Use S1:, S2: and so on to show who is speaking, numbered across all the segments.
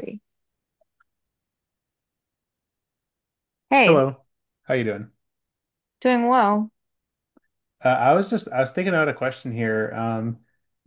S1: Three. Hey,
S2: Hello. How you doing?
S1: doing well.
S2: I was thinking out a question here. Um,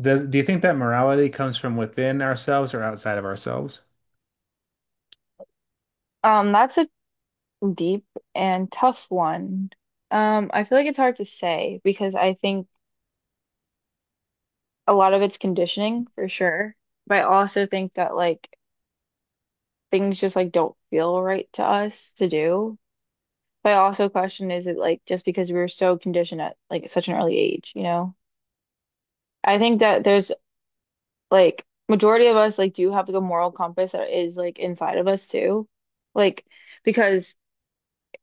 S2: does do you think that morality comes from within ourselves or outside of ourselves?
S1: That's a deep and tough one. I feel like it's hard to say because I think a lot of it's conditioning for sure, but I also think that like things just like don't feel right to us to do. But I also question is it like just because we were so conditioned at like such an early age, you know? I think that there's like majority of us like do have like a moral compass that is like inside of us too. Like because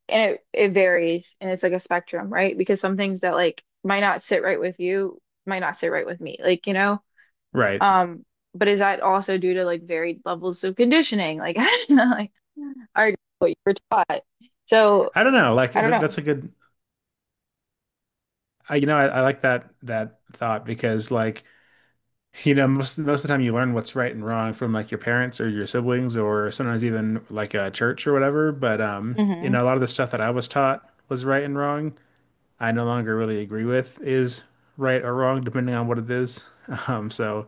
S1: and it varies and it's like a spectrum, right? Because some things that like might not sit right with you might not sit right with me. Like, you know,
S2: Right.
S1: um, but is that also due to like varied levels of conditioning? Like, I don't know, like or what you were taught. So
S2: I don't know. Like
S1: I don't
S2: th
S1: know.
S2: that's a good. I, you know, I like that thought because most most of the time you learn what's right and wrong from like your parents or your siblings or sometimes even like a church or whatever. But
S1: Hmm.
S2: a lot of the stuff that I was taught was right and wrong. I no longer really agree with is right or wrong depending on what it is. Um, so.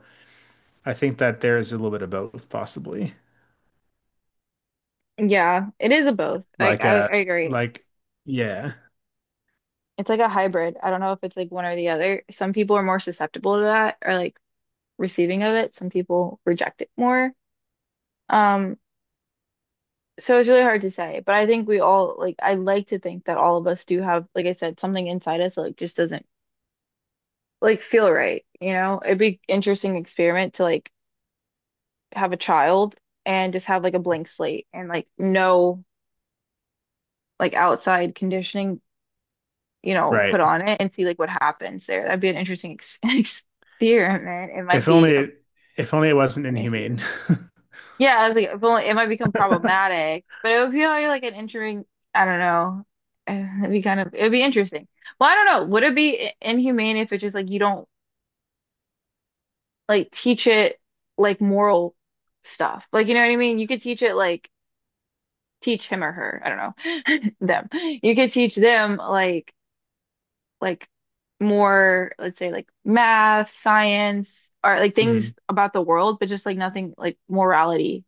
S2: I think that there is a little bit of both, possibly.
S1: Yeah, it is a both. Like
S2: Like
S1: I,
S2: uh
S1: I agree.
S2: like yeah,
S1: It's like a hybrid. I don't know if it's like one or the other. Some people are more susceptible to that or like receiving of it. Some people reject it more. Um, So it's really hard to say, but I think we all like I like to think that all of us do have, like I said, something inside us that like just doesn't like feel right, you know? It'd be interesting experiment to like have a child and just have like a blank slate and like no like outside conditioning, you know, put
S2: right.
S1: on it and see like what happens there. That'd be an interesting ex experiment. It might
S2: If only
S1: be a,
S2: it if only it wasn't
S1: an issue.
S2: inhumane.
S1: Yeah, I was like, if only it might become problematic, but it would be like an interesting. I don't know. Uh, It'd be kind of it'd be interesting. Well, I don't know. Would it be inhumane if it's just like you don't like teach it like moral stuff? Like you know what I mean? You could teach it like teach him or her. I don't know them. You could teach them like more let's say like math, science, or like things
S2: Hmm.
S1: about the world, but just like nothing like morality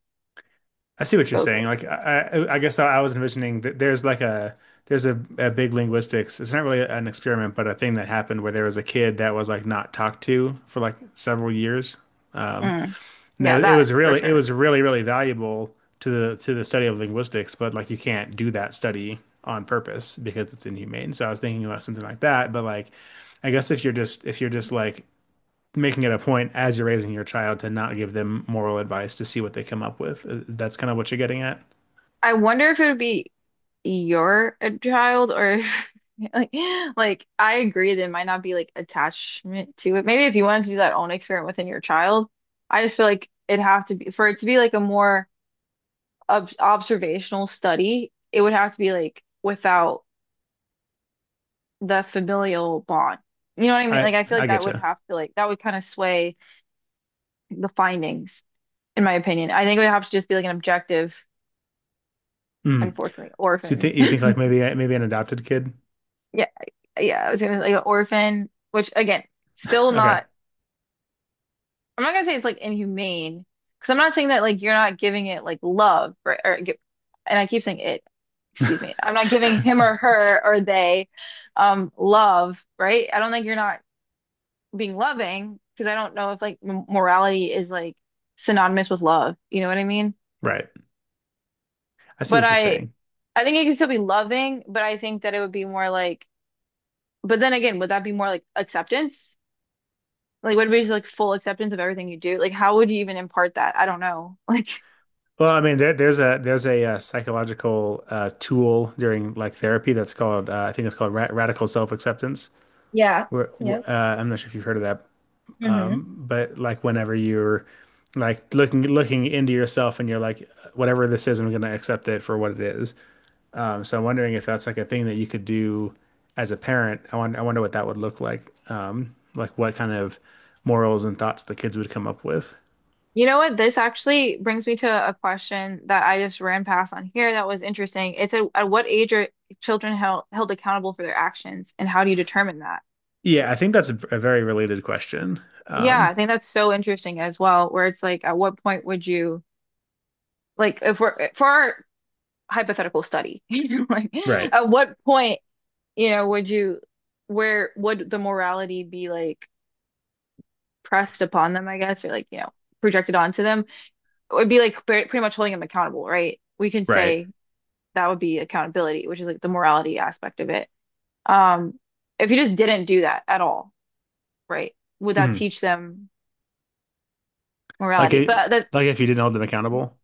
S2: I see what you're saying.
S1: focused.
S2: I guess I was envisioning that there's like a there's a big linguistics. It's not really an experiment, but a thing that happened where there was a kid that was like not talked to for like several years. Um,
S1: Mm,
S2: No,
S1: yeah, that for
S2: it
S1: sure.
S2: was really really valuable to the study of linguistics, but like you can't do that study on purpose because it's inhumane. So I was thinking about something like that, but like if you're just like making it a point as you're raising your child to not give them moral advice to see what they come up with, that's kind of what you're getting at.
S1: I wonder if it would be you're a child or if, like, like I agree there might not be like attachment to it. Maybe if you wanted to do that own experiment within your child, I just feel like it'd have to be for it to be like a more ob observational study, it would have to be like without the familial bond. You know what I mean?
S2: I
S1: Like I feel like
S2: I
S1: that
S2: get
S1: would
S2: you.
S1: have to like that would kind of sway the findings, in my opinion. I think it would have to just be like an objective,
S2: Mm.
S1: unfortunately,
S2: So you
S1: orphan.
S2: think you think like maybe an adopted kid?
S1: Yeah, yeah, I was gonna like an orphan, which again, still
S2: Okay.
S1: not. I'm not gonna say it's like inhumane, because I'm not saying that like you're not giving it like love, right? Or, and I keep saying it. Excuse me. I'm not giving him or her or they, love, right? I don't think you're not being loving, because I don't know if like m morality is like synonymous with love. You know what I mean?
S2: Right. I see
S1: But
S2: what you're saying.
S1: I think it can still be loving, but I think that it would be more like. But then again, would that be more like acceptance? Like, what about just like full acceptance of everything you do? Like, how would you even impart that? I don't know. Like,
S2: Well, I mean, there's a, psychological tool during like therapy that's called I think it's called ra radical self-acceptance.
S1: Yeah.
S2: Where
S1: Yep.
S2: wh- uh, I'm not sure if you've heard of that,
S1: Hmm.
S2: but like whenever you're like looking into yourself and you're like, whatever this is, I'm going to accept it for what it is. So I'm wondering if that's like a thing that you could do as a parent. I wonder what that would look like. Like what kind of morals and thoughts the kids would come up with.
S1: You know what? This actually brings me to a question that I just ran past on here that was interesting. It said, at what age are children held accountable for their actions, and how do you determine that?
S2: Yeah, I think that's a very related question.
S1: Yeah, I
S2: Um,
S1: think that's so interesting as well, where it's like, at what point would you like if we're for our hypothetical study, you know, like
S2: right.
S1: at what point, you know, would you where would the morality be like? Pressed upon them, I guess, or like, you know, projected onto them, it would be like pretty much holding them accountable, right? We can
S2: Right.
S1: say that would be accountability, which is like the morality aspect of it. Um, if you just didn't do that at all, right? Would that
S2: Mm.
S1: teach them
S2: Like
S1: morality?
S2: it,
S1: But that,
S2: like if you didn't hold them accountable.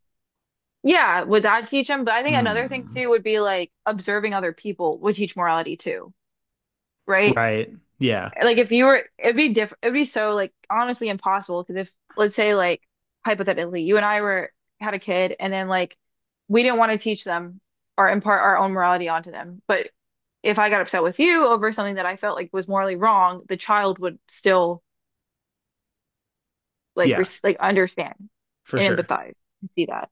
S1: yeah, would that teach them? But I think another thing
S2: Hmm.
S1: too would be like observing other people would teach morality too, right?
S2: Right. Yeah.
S1: Like if you were, it'd be different. It'd be so like honestly impossible because if let's say like hypothetically you and I were had a kid and then like we didn't want to teach them or impart our own morality onto them, but if I got upset with you over something that I felt like was morally wrong, the child would still like
S2: Yeah,
S1: res like understand
S2: for
S1: and
S2: sure.
S1: empathize and see that.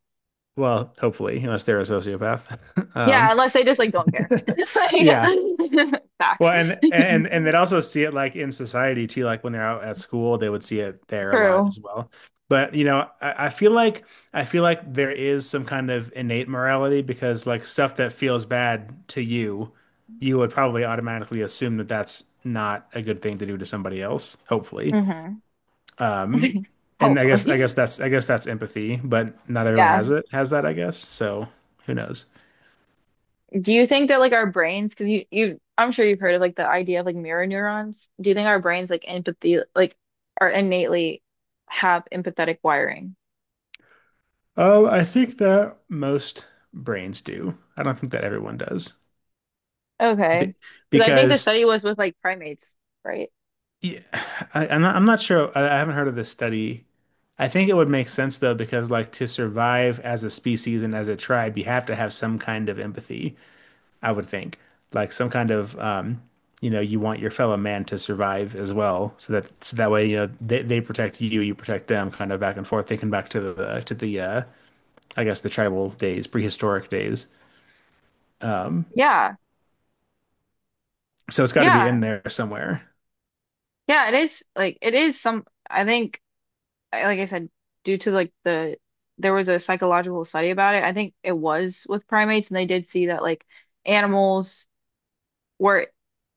S2: Well, hopefully, unless they're a sociopath.
S1: Yeah,
S2: Um,
S1: unless they just like don't care.
S2: yeah.
S1: Like, facts.
S2: Well, and they'd also see it like in society too, like when they're out at school, they would see it there a lot
S1: True.
S2: as well. But you know, I feel like there is some kind of innate morality because like stuff that feels bad to you, you would probably automatically assume that that's not a good thing to do to somebody else, hopefully.
S1: Hmm.
S2: Um, and I guess I guess
S1: Hopefully.
S2: that's I guess that's empathy, but not everyone
S1: Yeah.
S2: has that, I guess. So who knows?
S1: Do you think that like our brains, because you I'm sure you've heard of like the idea of like mirror neurons. Do you think our brains like empathy like are innately have empathetic wiring?
S2: Oh, I think that most brains do. I don't think that everyone does.
S1: Okay.
S2: Be
S1: Because I think the
S2: because
S1: study was with like primates, right?
S2: yeah, I'm not sure. I haven't heard of this study. I think it would make sense though, because like to survive as a species and as a tribe, you have to have some kind of empathy, I would think. Like some kind of, you know, you want your fellow man to survive as well, so that so that way, you know, they protect you, you protect them, kind of back and forth, thinking back to the I guess the tribal days, prehistoric days.
S1: Yeah.
S2: So it's got to be in
S1: Yeah.
S2: there somewhere.
S1: Yeah, it is like it is some I think like I said due to like the there was a psychological study about it. I think it was with primates and they did see that like animals were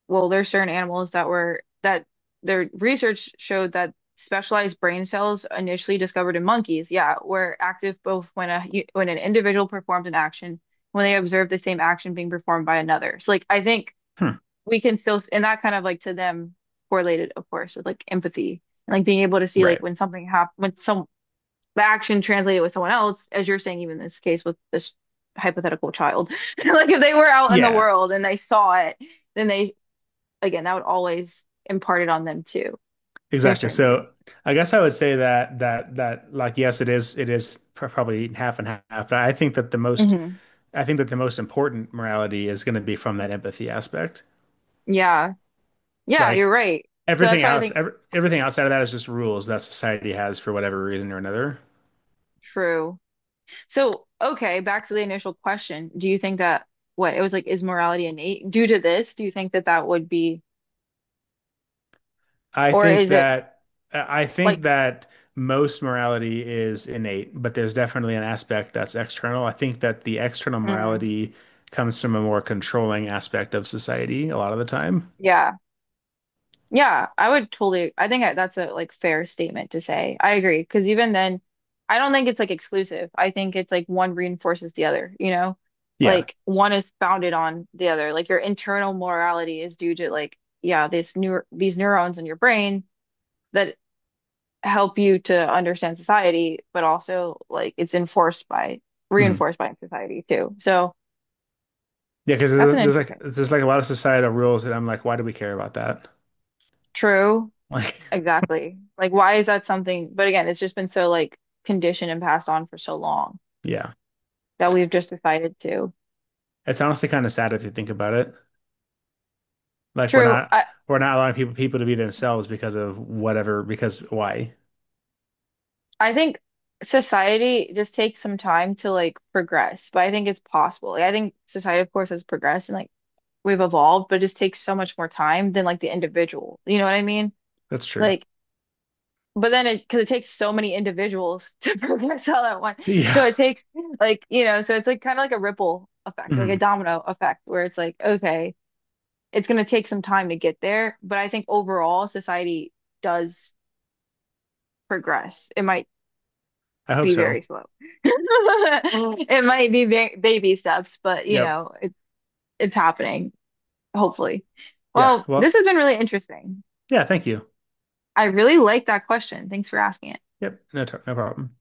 S1: well, there's certain animals that were that their research showed that specialized brain cells initially discovered in monkeys, yeah, were active both when a when an individual performed an action, when they observed the same action being performed by another. So like I think
S2: Hmm.
S1: we can still and that kind of like to them correlated, of course, with like empathy and like being able to see like
S2: Right.
S1: when something happened when some the action translated with someone else, as you're saying, even in this case with this hypothetical child. Like if they were out in the
S2: Yeah.
S1: world and they saw it then they again, that would always impart it on them too. So you're
S2: Exactly.
S1: starting to
S2: So I guess I would say that that like yes, it is probably half and half. But I think that the most
S1: hmm.
S2: I think that the most important morality is going to be from that empathy aspect.
S1: Yeah. Yeah,
S2: Like
S1: you're right. So that's
S2: everything
S1: why I
S2: else,
S1: think
S2: everything outside of that is just rules that society has for whatever reason or another.
S1: true. So, okay, back to the initial question. Do you think that what it was like, is morality innate due to this? Do you think that that would be,
S2: I
S1: or
S2: think
S1: is it
S2: that I think
S1: like,
S2: that most morality is innate, but there's definitely an aspect that's external. I think that the external
S1: Mm.
S2: morality comes from a more controlling aspect of society a lot of the time.
S1: Yeah. Yeah, I would totally. I think that's a like fair statement to say. I agree because even then, I don't think it's like exclusive. I think it's like one reinforces the other, you know?
S2: Yeah.
S1: Like one is founded on the other. Like your internal morality is due to like yeah, this new these neurons in your brain that help you to understand society, but also like it's enforced by
S2: Hmm.
S1: reinforced by society too. So
S2: Yeah, because
S1: that's
S2: there's,
S1: an
S2: there's like
S1: interesting.
S2: there's like a lot of societal rules that I'm like, why do we care about that?
S1: True.
S2: Like,
S1: Exactly. Like, why is that something? But again, it's just been so like conditioned and passed on for so long
S2: yeah,
S1: that we've just decided to.
S2: it's honestly kind of sad if you think about it. Like, we're
S1: True.
S2: not we're not allowing people people to be themselves because of whatever. Because why?
S1: I think society just takes some time to like progress, but I think it's possible. Like, I think society, of course, has progressed and like we've evolved, but it just takes so much more time than like the individual. You know what I mean?
S2: That's true.
S1: Like, but then it because it takes so many individuals to progress all at once,
S2: Yeah.
S1: so it takes like you know, so it's like kind of like a ripple effect, like a
S2: Hmm.
S1: domino effect, where it's like okay. It's going to take some time to get there, but I think overall society does progress. It might
S2: I hope
S1: be very
S2: so.
S1: slow. It might be ba baby steps, but you
S2: Yep.
S1: know, it, it's happening, hopefully.
S2: Yeah.
S1: Well, this
S2: Well.
S1: has been really interesting.
S2: Yeah. Thank you.
S1: I really like that question. Thanks for asking it.
S2: Yep. No problem.